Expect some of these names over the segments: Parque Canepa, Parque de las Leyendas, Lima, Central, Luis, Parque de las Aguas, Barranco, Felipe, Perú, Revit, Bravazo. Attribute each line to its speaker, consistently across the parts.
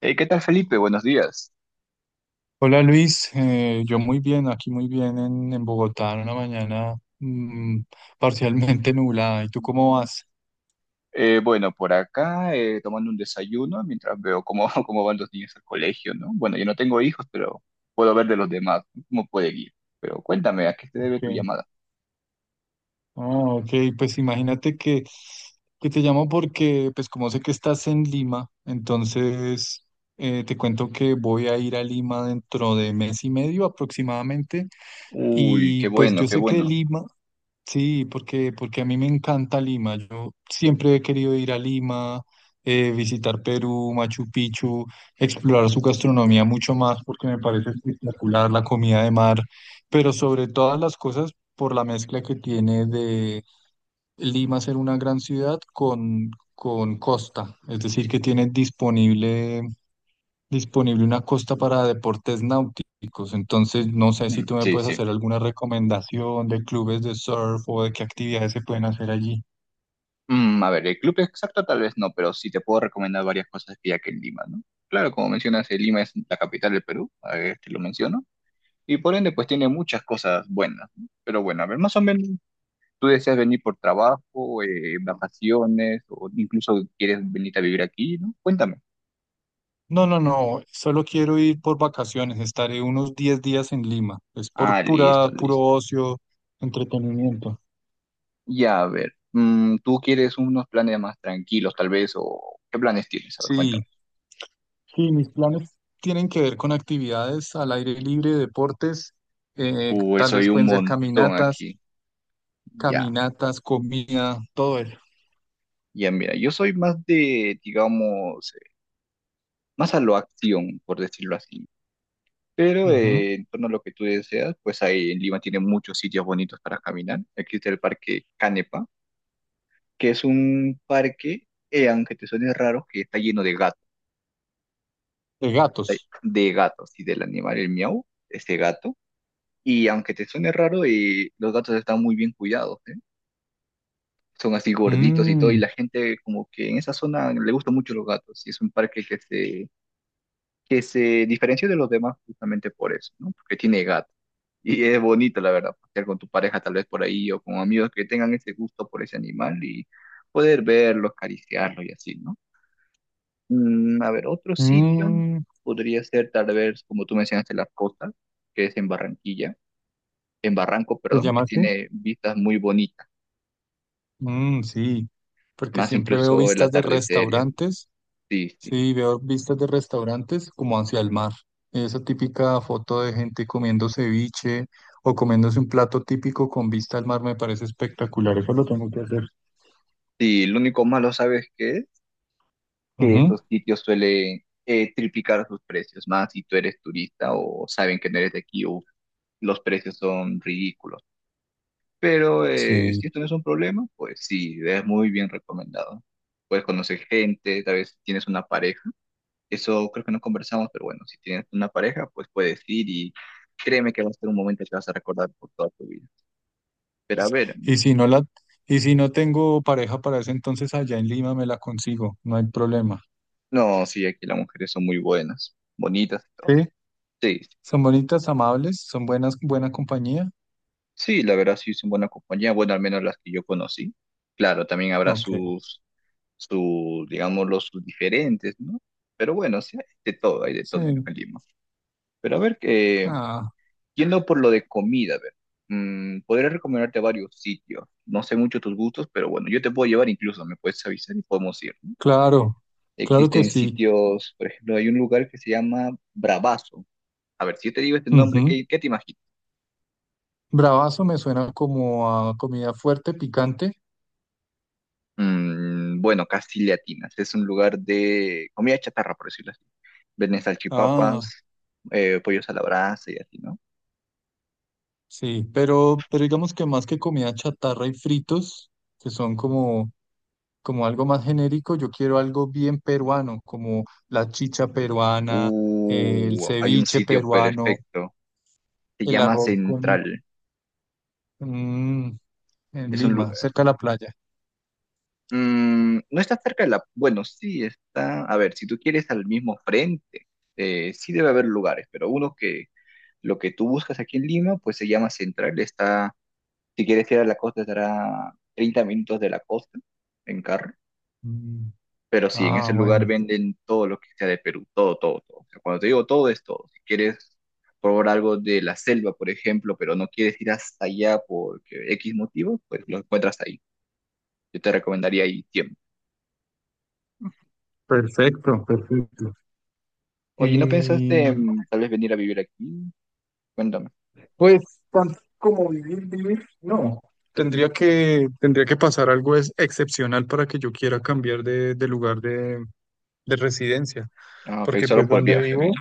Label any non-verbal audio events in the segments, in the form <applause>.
Speaker 1: ¿Qué tal, Felipe? Buenos días.
Speaker 2: Hola Luis, yo muy bien, aquí muy bien en Bogotá, en una mañana parcialmente <laughs> nublada. ¿Y tú cómo vas?
Speaker 1: Bueno, por acá tomando un desayuno mientras veo cómo, <laughs> cómo van los niños al colegio, ¿no? Bueno, yo no tengo hijos, pero puedo ver de los demás, ¿no?, cómo puede ir. Pero cuéntame, ¿a qué se debe tu
Speaker 2: Ok,
Speaker 1: llamada?
Speaker 2: ah, ok, pues imagínate que te llamo porque, pues como sé que estás en Lima, entonces te cuento que voy a ir a Lima dentro de mes y medio aproximadamente.
Speaker 1: Uy,
Speaker 2: Y
Speaker 1: qué
Speaker 2: pues
Speaker 1: bueno,
Speaker 2: yo
Speaker 1: qué
Speaker 2: sé que
Speaker 1: bueno.
Speaker 2: Lima. Sí, porque a mí me encanta Lima. Yo siempre he querido ir a Lima, visitar Perú, Machu Picchu, explorar su gastronomía mucho más porque me parece espectacular la comida de mar, pero sobre todas las cosas por la mezcla que tiene de Lima ser una gran ciudad con costa, es decir, que tiene disponible una costa para deportes náuticos. Entonces, no sé si
Speaker 1: Mm,
Speaker 2: tú me
Speaker 1: sí,
Speaker 2: puedes
Speaker 1: sí.
Speaker 2: hacer alguna recomendación de clubes de surf o de qué actividades se pueden hacer allí.
Speaker 1: A ver, el club exacto tal vez no, pero sí te puedo recomendar varias cosas que hay aquí en Lima, ¿no? Claro, como mencionas, Lima es la capital del Perú, a ver, te lo menciono, y por ende pues tiene muchas cosas buenas, ¿no? Pero bueno, a ver, más o menos tú deseas venir por trabajo, vacaciones, o incluso quieres venir a vivir aquí, ¿no? Cuéntame.
Speaker 2: No, no, no, solo quiero ir por vacaciones, estaré unos 10 días en Lima, es por
Speaker 1: Ah, listo,
Speaker 2: pura, puro
Speaker 1: listo.
Speaker 2: ocio, entretenimiento.
Speaker 1: Ya, a ver, ¿tú quieres unos planes más tranquilos, tal vez? ¿O qué planes tienes? A ver,
Speaker 2: Sí,
Speaker 1: cuéntame.
Speaker 2: sí, mis planes tienen que ver con actividades al aire libre, deportes,
Speaker 1: Uy,
Speaker 2: tal
Speaker 1: soy
Speaker 2: vez
Speaker 1: un
Speaker 2: pueden ser
Speaker 1: montón
Speaker 2: caminatas,
Speaker 1: aquí. Ya,
Speaker 2: caminatas, comida, todo eso.
Speaker 1: ya, mira, yo soy más de, digamos, más a lo acción, por decirlo así. Pero
Speaker 2: Ujú.
Speaker 1: en torno a lo que tú deseas, pues ahí en Lima tiene muchos sitios bonitos para caminar. Existe el Parque Canepa, que es un parque, aunque te suene raro, que está lleno
Speaker 2: De gatos.
Speaker 1: de gatos y del animal, el miau, este gato. Y aunque te suene raro, los gatos están muy bien cuidados, ¿eh? Son así gorditos y todo, y
Speaker 2: Mm,
Speaker 1: la gente como que en esa zona le gustan mucho los gatos, y es un parque que se diferencia de los demás justamente por eso, ¿no? Porque tiene gatos. Y es bonito, la verdad, pasear con tu pareja tal vez por ahí o con amigos que tengan ese gusto por ese animal y poder verlo, acariciarlo y así, ¿no? A ver, otro sitio
Speaker 2: mm,
Speaker 1: podría ser tal vez, como tú mencionaste, la costa, que es en Barranquilla, en Barranco,
Speaker 2: ¿se
Speaker 1: perdón,
Speaker 2: llama
Speaker 1: que
Speaker 2: así?
Speaker 1: tiene vistas muy bonitas,
Speaker 2: Mm, sí, porque
Speaker 1: más
Speaker 2: siempre veo
Speaker 1: incluso el
Speaker 2: vistas de
Speaker 1: atardecer y así.
Speaker 2: restaurantes,
Speaker 1: Sí, sí.
Speaker 2: sí, veo vistas de restaurantes como hacia el mar. Esa típica foto de gente comiendo ceviche o comiéndose un plato típico con vista al mar me parece espectacular, eso lo tengo que hacer.
Speaker 1: Sí, lo único malo, ¿sabes qué es? Que estos sitios suelen triplicar sus precios, más si tú eres turista o saben que no eres de aquí, uf, los precios son ridículos. Pero
Speaker 2: Sí.
Speaker 1: si esto no es un problema, pues sí, es muy bien recomendado. Puedes conocer gente, tal vez si tienes una pareja. Eso creo que no conversamos, pero bueno, si tienes una pareja, pues puedes ir y créeme que va a ser un momento que vas a recordar por toda tu vida. Pero a ver,
Speaker 2: Y si no la, y si no tengo pareja para ese entonces allá en Lima me la consigo, no hay problema.
Speaker 1: no, sí, aquí las mujeres son muy buenas, bonitas y
Speaker 2: ¿Sí?
Speaker 1: todo. Sí,
Speaker 2: ¿Son bonitas, amables? ¿Son buenas, buena compañía?
Speaker 1: sí, la verdad sí son buena compañía, bueno, al menos las que yo conocí. Claro, también habrá
Speaker 2: Ok.
Speaker 1: sus, digámoslo, sus diferentes, ¿no? Pero bueno, sí, hay de todo en
Speaker 2: Sí.
Speaker 1: Lima. Pero a ver,
Speaker 2: Ah,
Speaker 1: yendo por lo de comida, a ver, podría recomendarte varios sitios. No sé mucho tus gustos, pero bueno, yo te puedo llevar incluso, me puedes avisar y podemos ir, ¿no?
Speaker 2: claro, claro que
Speaker 1: Existen
Speaker 2: sí.
Speaker 1: sitios, por ejemplo, hay un lugar que se llama Bravazo. A ver, si yo te digo este nombre,
Speaker 2: Ujú.
Speaker 1: ¿qué te imaginas?
Speaker 2: Bravazo me suena como a comida fuerte, picante.
Speaker 1: Bueno, casi le atinas. Es un lugar de comida chatarra, por decirlo así. Venden
Speaker 2: Ah,
Speaker 1: salchipapas, pollos a la brasa y así, ¿no?
Speaker 2: sí, pero, digamos que más que comida chatarra y fritos, que son como algo más genérico, yo quiero algo bien peruano, como la chicha peruana, el
Speaker 1: Hay un
Speaker 2: ceviche
Speaker 1: sitio
Speaker 2: peruano,
Speaker 1: perfecto. Se
Speaker 2: el
Speaker 1: llama
Speaker 2: arroz con...
Speaker 1: Central.
Speaker 2: mm, en
Speaker 1: Es un, lu-
Speaker 2: Lima, cerca de la playa.
Speaker 1: No está cerca de la, bueno, sí, está. A ver, si tú quieres al mismo frente, sí debe haber lugares, pero uno que lo que tú buscas aquí en Lima, pues se llama Central. Está, si quieres ir a la costa, estará 30 minutos de la costa en carro.
Speaker 2: Mm.
Speaker 1: Pero sí, en
Speaker 2: Ah,
Speaker 1: ese lugar
Speaker 2: bueno.
Speaker 1: venden todo lo que sea de Perú, todo, todo, todo. O sea, cuando te digo todo, es todo. Si quieres probar algo de la selva, por ejemplo, pero no quieres ir hasta allá por X motivo, pues lo encuentras ahí. Yo te recomendaría ahí tiempo.
Speaker 2: Perfecto, perfecto.
Speaker 1: Oye, ¿no
Speaker 2: Y
Speaker 1: pensaste en tal vez venir a vivir aquí? Cuéntame.
Speaker 2: pues tanto como vivir, vivir, no. Tendría que pasar algo es excepcional para que yo quiera cambiar de lugar de residencia,
Speaker 1: Ah, ok,
Speaker 2: porque
Speaker 1: solo
Speaker 2: pues
Speaker 1: por
Speaker 2: donde
Speaker 1: viaje,
Speaker 2: vivo.
Speaker 1: ¿no?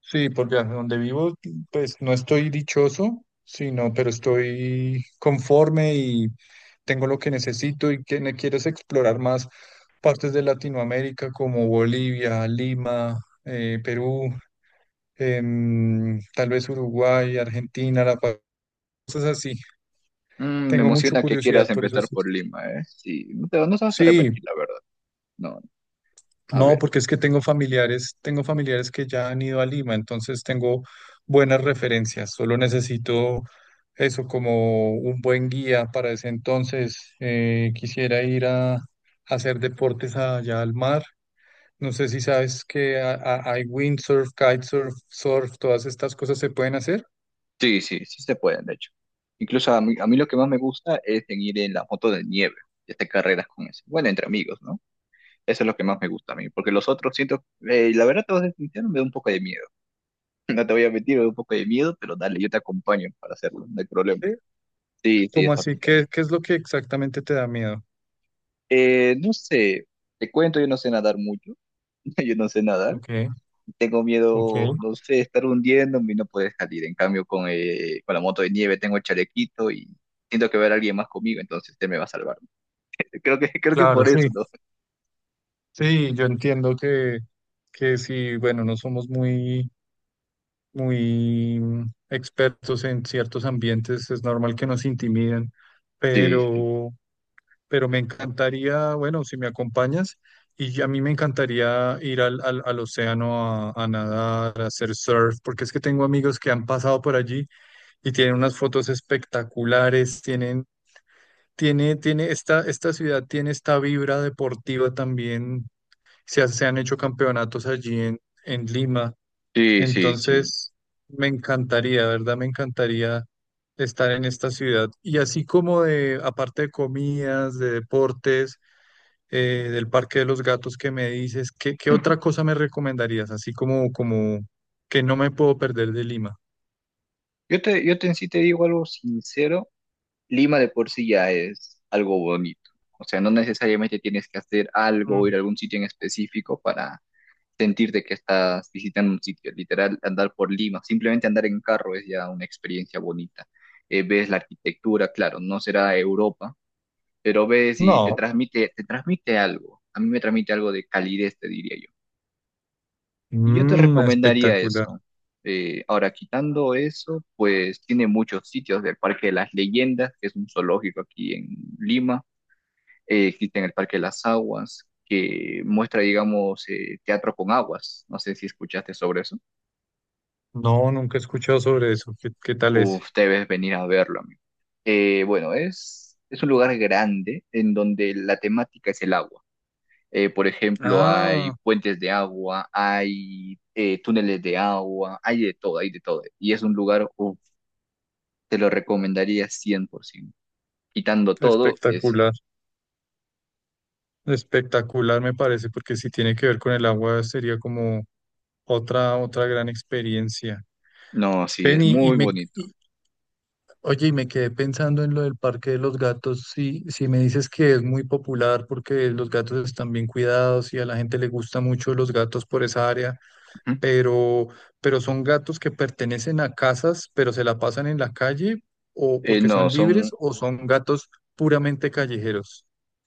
Speaker 2: Sí, porque donde vivo, pues no estoy dichoso, sino, pero estoy conforme y tengo lo que necesito y que me quieres explorar más partes de Latinoamérica como Bolivia, Lima, Perú, tal vez Uruguay, Argentina, La Paz, cosas así.
Speaker 1: Me
Speaker 2: Tengo mucha
Speaker 1: emociona que
Speaker 2: curiosidad
Speaker 1: quieras
Speaker 2: por eso.
Speaker 1: empezar
Speaker 2: Sí,
Speaker 1: por Lima, ¿eh? Sí, no te vas a
Speaker 2: sí,
Speaker 1: arrepentir, la verdad. No, a
Speaker 2: no,
Speaker 1: ver.
Speaker 2: porque es que tengo familiares que ya han ido a Lima, entonces tengo buenas referencias. Solo necesito eso como un buen guía para ese entonces. Quisiera ir a, hacer deportes allá al mar. No sé si sabes que hay windsurf, kitesurf, surf, todas estas cosas se pueden hacer.
Speaker 1: Sí, sí, sí se pueden, de hecho. Incluso a mí lo que más me gusta es en ir en la moto de nieve y hacer carreras con eso. Bueno, entre amigos, ¿no? Eso es lo que más me gusta a mí, porque los otros siento, la verdad te vas a ser sincero, me da un poco de miedo. <laughs> No te voy a mentir, me da un poco de miedo, pero dale, yo te acompaño para hacerlo, no hay problema.
Speaker 2: ¿Sí?
Speaker 1: Sí, sí,
Speaker 2: ¿Cómo
Speaker 1: está.
Speaker 2: así? ¿Qué es lo que exactamente te da miedo?
Speaker 1: No sé, te cuento, yo no sé nadar mucho, <laughs> yo no sé nadar,
Speaker 2: Ok,
Speaker 1: tengo
Speaker 2: ok,
Speaker 1: miedo, no sé, estar hundiéndome y no poder salir. En cambio, con la moto de nieve tengo el chalequito y siento que va a haber alguien más conmigo, entonces él me va a salvar. Creo que, <laughs> creo que
Speaker 2: claro,
Speaker 1: por
Speaker 2: sí.
Speaker 1: eso, ¿no?
Speaker 2: Sí, yo entiendo que, si, bueno, no somos muy, muy expertos en ciertos ambientes, es normal que nos intimiden,
Speaker 1: Sí,
Speaker 2: pero, pero, me encantaría, bueno, si me acompañas, y a mí me encantaría ir al océano a nadar, a hacer surf, porque es que tengo amigos que han pasado por allí y tienen unas fotos espectaculares, esta ciudad tiene esta vibra deportiva también se han hecho campeonatos allí en Lima.
Speaker 1: sí, sí, sí.
Speaker 2: Entonces, me encantaría, ¿verdad? Me encantaría estar en esta ciudad. Y así como aparte de comidas, de deportes, del Parque de los Gatos que me dices, ¿qué
Speaker 1: <laughs>
Speaker 2: otra cosa me recomendarías? Así como que no me puedo perder de Lima.
Speaker 1: Yo te, en sí te digo algo sincero, Lima de por sí ya es algo bonito. O sea, no necesariamente tienes que hacer algo o
Speaker 2: Mm.
Speaker 1: ir a algún sitio en específico para sentirte que estás visitando un sitio, literal, andar por Lima, simplemente andar en carro es ya una experiencia bonita. Ves la arquitectura, claro, no será Europa, pero ves y te
Speaker 2: No.
Speaker 1: transmite, te transmite algo. A mí me transmite algo de calidez, te diría yo. Y yo te
Speaker 2: Mm,
Speaker 1: recomendaría
Speaker 2: espectacular.
Speaker 1: eso. Ahora, quitando eso, pues tiene muchos sitios del Parque de las Leyendas, que es un zoológico aquí en Lima. Existe en el Parque de las Aguas, que muestra, digamos, teatro con aguas. No sé si escuchaste sobre eso.
Speaker 2: No, nunca he escuchado sobre eso. ¿Qué tal es?
Speaker 1: Uf, debes venir a verlo, amigo. Bueno, es un lugar grande en donde la temática es el agua. Por ejemplo, hay
Speaker 2: Ah,
Speaker 1: puentes de agua, hay túneles de agua, hay de todo, hay de todo. Y es un lugar, uf, te lo recomendaría 100%. Quitando todo, es.
Speaker 2: espectacular. Espectacular me parece, porque si tiene que ver con el agua sería como otra gran experiencia.
Speaker 1: No, sí,
Speaker 2: Ven
Speaker 1: es
Speaker 2: y, y
Speaker 1: muy
Speaker 2: me,
Speaker 1: bonito.
Speaker 2: y- oye, y me quedé pensando en lo del Parque de los Gatos. Si me dices que es muy popular porque los gatos están bien cuidados y a la gente le gusta mucho los gatos por esa área,
Speaker 1: Ujú.
Speaker 2: pero, pero, son gatos que pertenecen a casas, pero se la pasan en la calle o porque son
Speaker 1: No,
Speaker 2: libres
Speaker 1: son
Speaker 2: o son gatos puramente callejeros.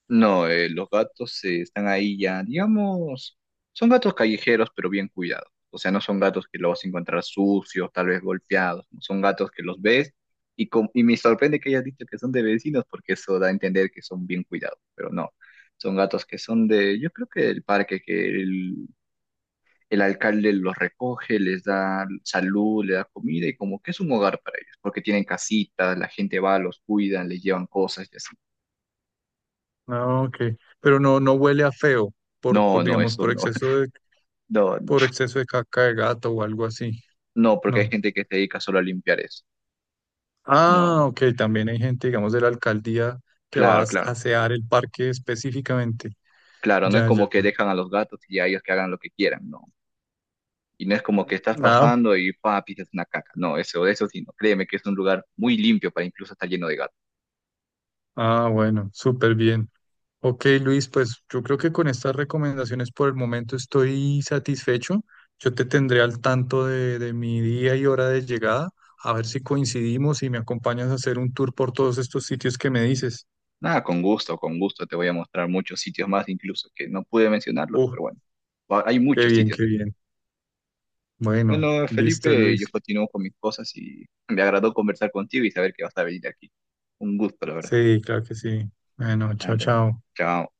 Speaker 1: No, los gatos están ahí ya, digamos, son gatos callejeros, pero bien cuidados. O sea, no son gatos que los vas a encontrar sucios, tal vez golpeados. No, son gatos que los ves y me sorprende que hayas dicho que son de vecinos porque eso da a entender que son bien cuidados, pero no. Son gatos que son de, yo creo que del parque, que el alcalde los recoge, les da salud, les da comida y como que es un hogar para ellos, porque tienen casitas, la gente va, los cuidan, les llevan cosas y así.
Speaker 2: Ah, ok. Pero no, no huele a feo por,
Speaker 1: No,
Speaker 2: por
Speaker 1: no,
Speaker 2: digamos,
Speaker 1: eso no. <laughs> No, no.
Speaker 2: por exceso de caca de gato o algo así.
Speaker 1: No, porque hay
Speaker 2: No.
Speaker 1: gente que se dedica solo a limpiar eso. No,
Speaker 2: Ah, ok. También hay gente, digamos, de la alcaldía que va a
Speaker 1: claro, claro.
Speaker 2: asear el parque específicamente.
Speaker 1: Claro, no es
Speaker 2: Ya,
Speaker 1: como
Speaker 2: ya.
Speaker 1: que dejan a los gatos y a ellos que hagan lo que quieran, no. Y no es como que estás
Speaker 2: Ah,
Speaker 1: pasando y pisas una caca. No, eso sí, no. Créeme que es un lugar muy limpio para incluso estar lleno de gatos.
Speaker 2: ah, bueno, súper bien. Ok, Luis, pues yo creo que con estas recomendaciones por el momento estoy satisfecho. Yo te tendré al tanto de mi día y hora de llegada, a ver si coincidimos y me acompañas a hacer un tour por todos estos sitios que me dices.
Speaker 1: Nada, con gusto, con gusto. Te voy a mostrar muchos sitios más, incluso que no pude mencionarlos,
Speaker 2: Uh,
Speaker 1: pero bueno, hay
Speaker 2: Qué
Speaker 1: muchos
Speaker 2: bien,
Speaker 1: sitios
Speaker 2: qué
Speaker 1: aquí.
Speaker 2: bien. Bueno,
Speaker 1: Bueno,
Speaker 2: listo,
Speaker 1: Felipe, yo
Speaker 2: Luis.
Speaker 1: continúo con mis cosas y me agradó conversar contigo y saber que vas a venir aquí. Un gusto, la verdad.
Speaker 2: Sí, claro que sí. Bueno, chao,
Speaker 1: Dale,
Speaker 2: chao.
Speaker 1: chao.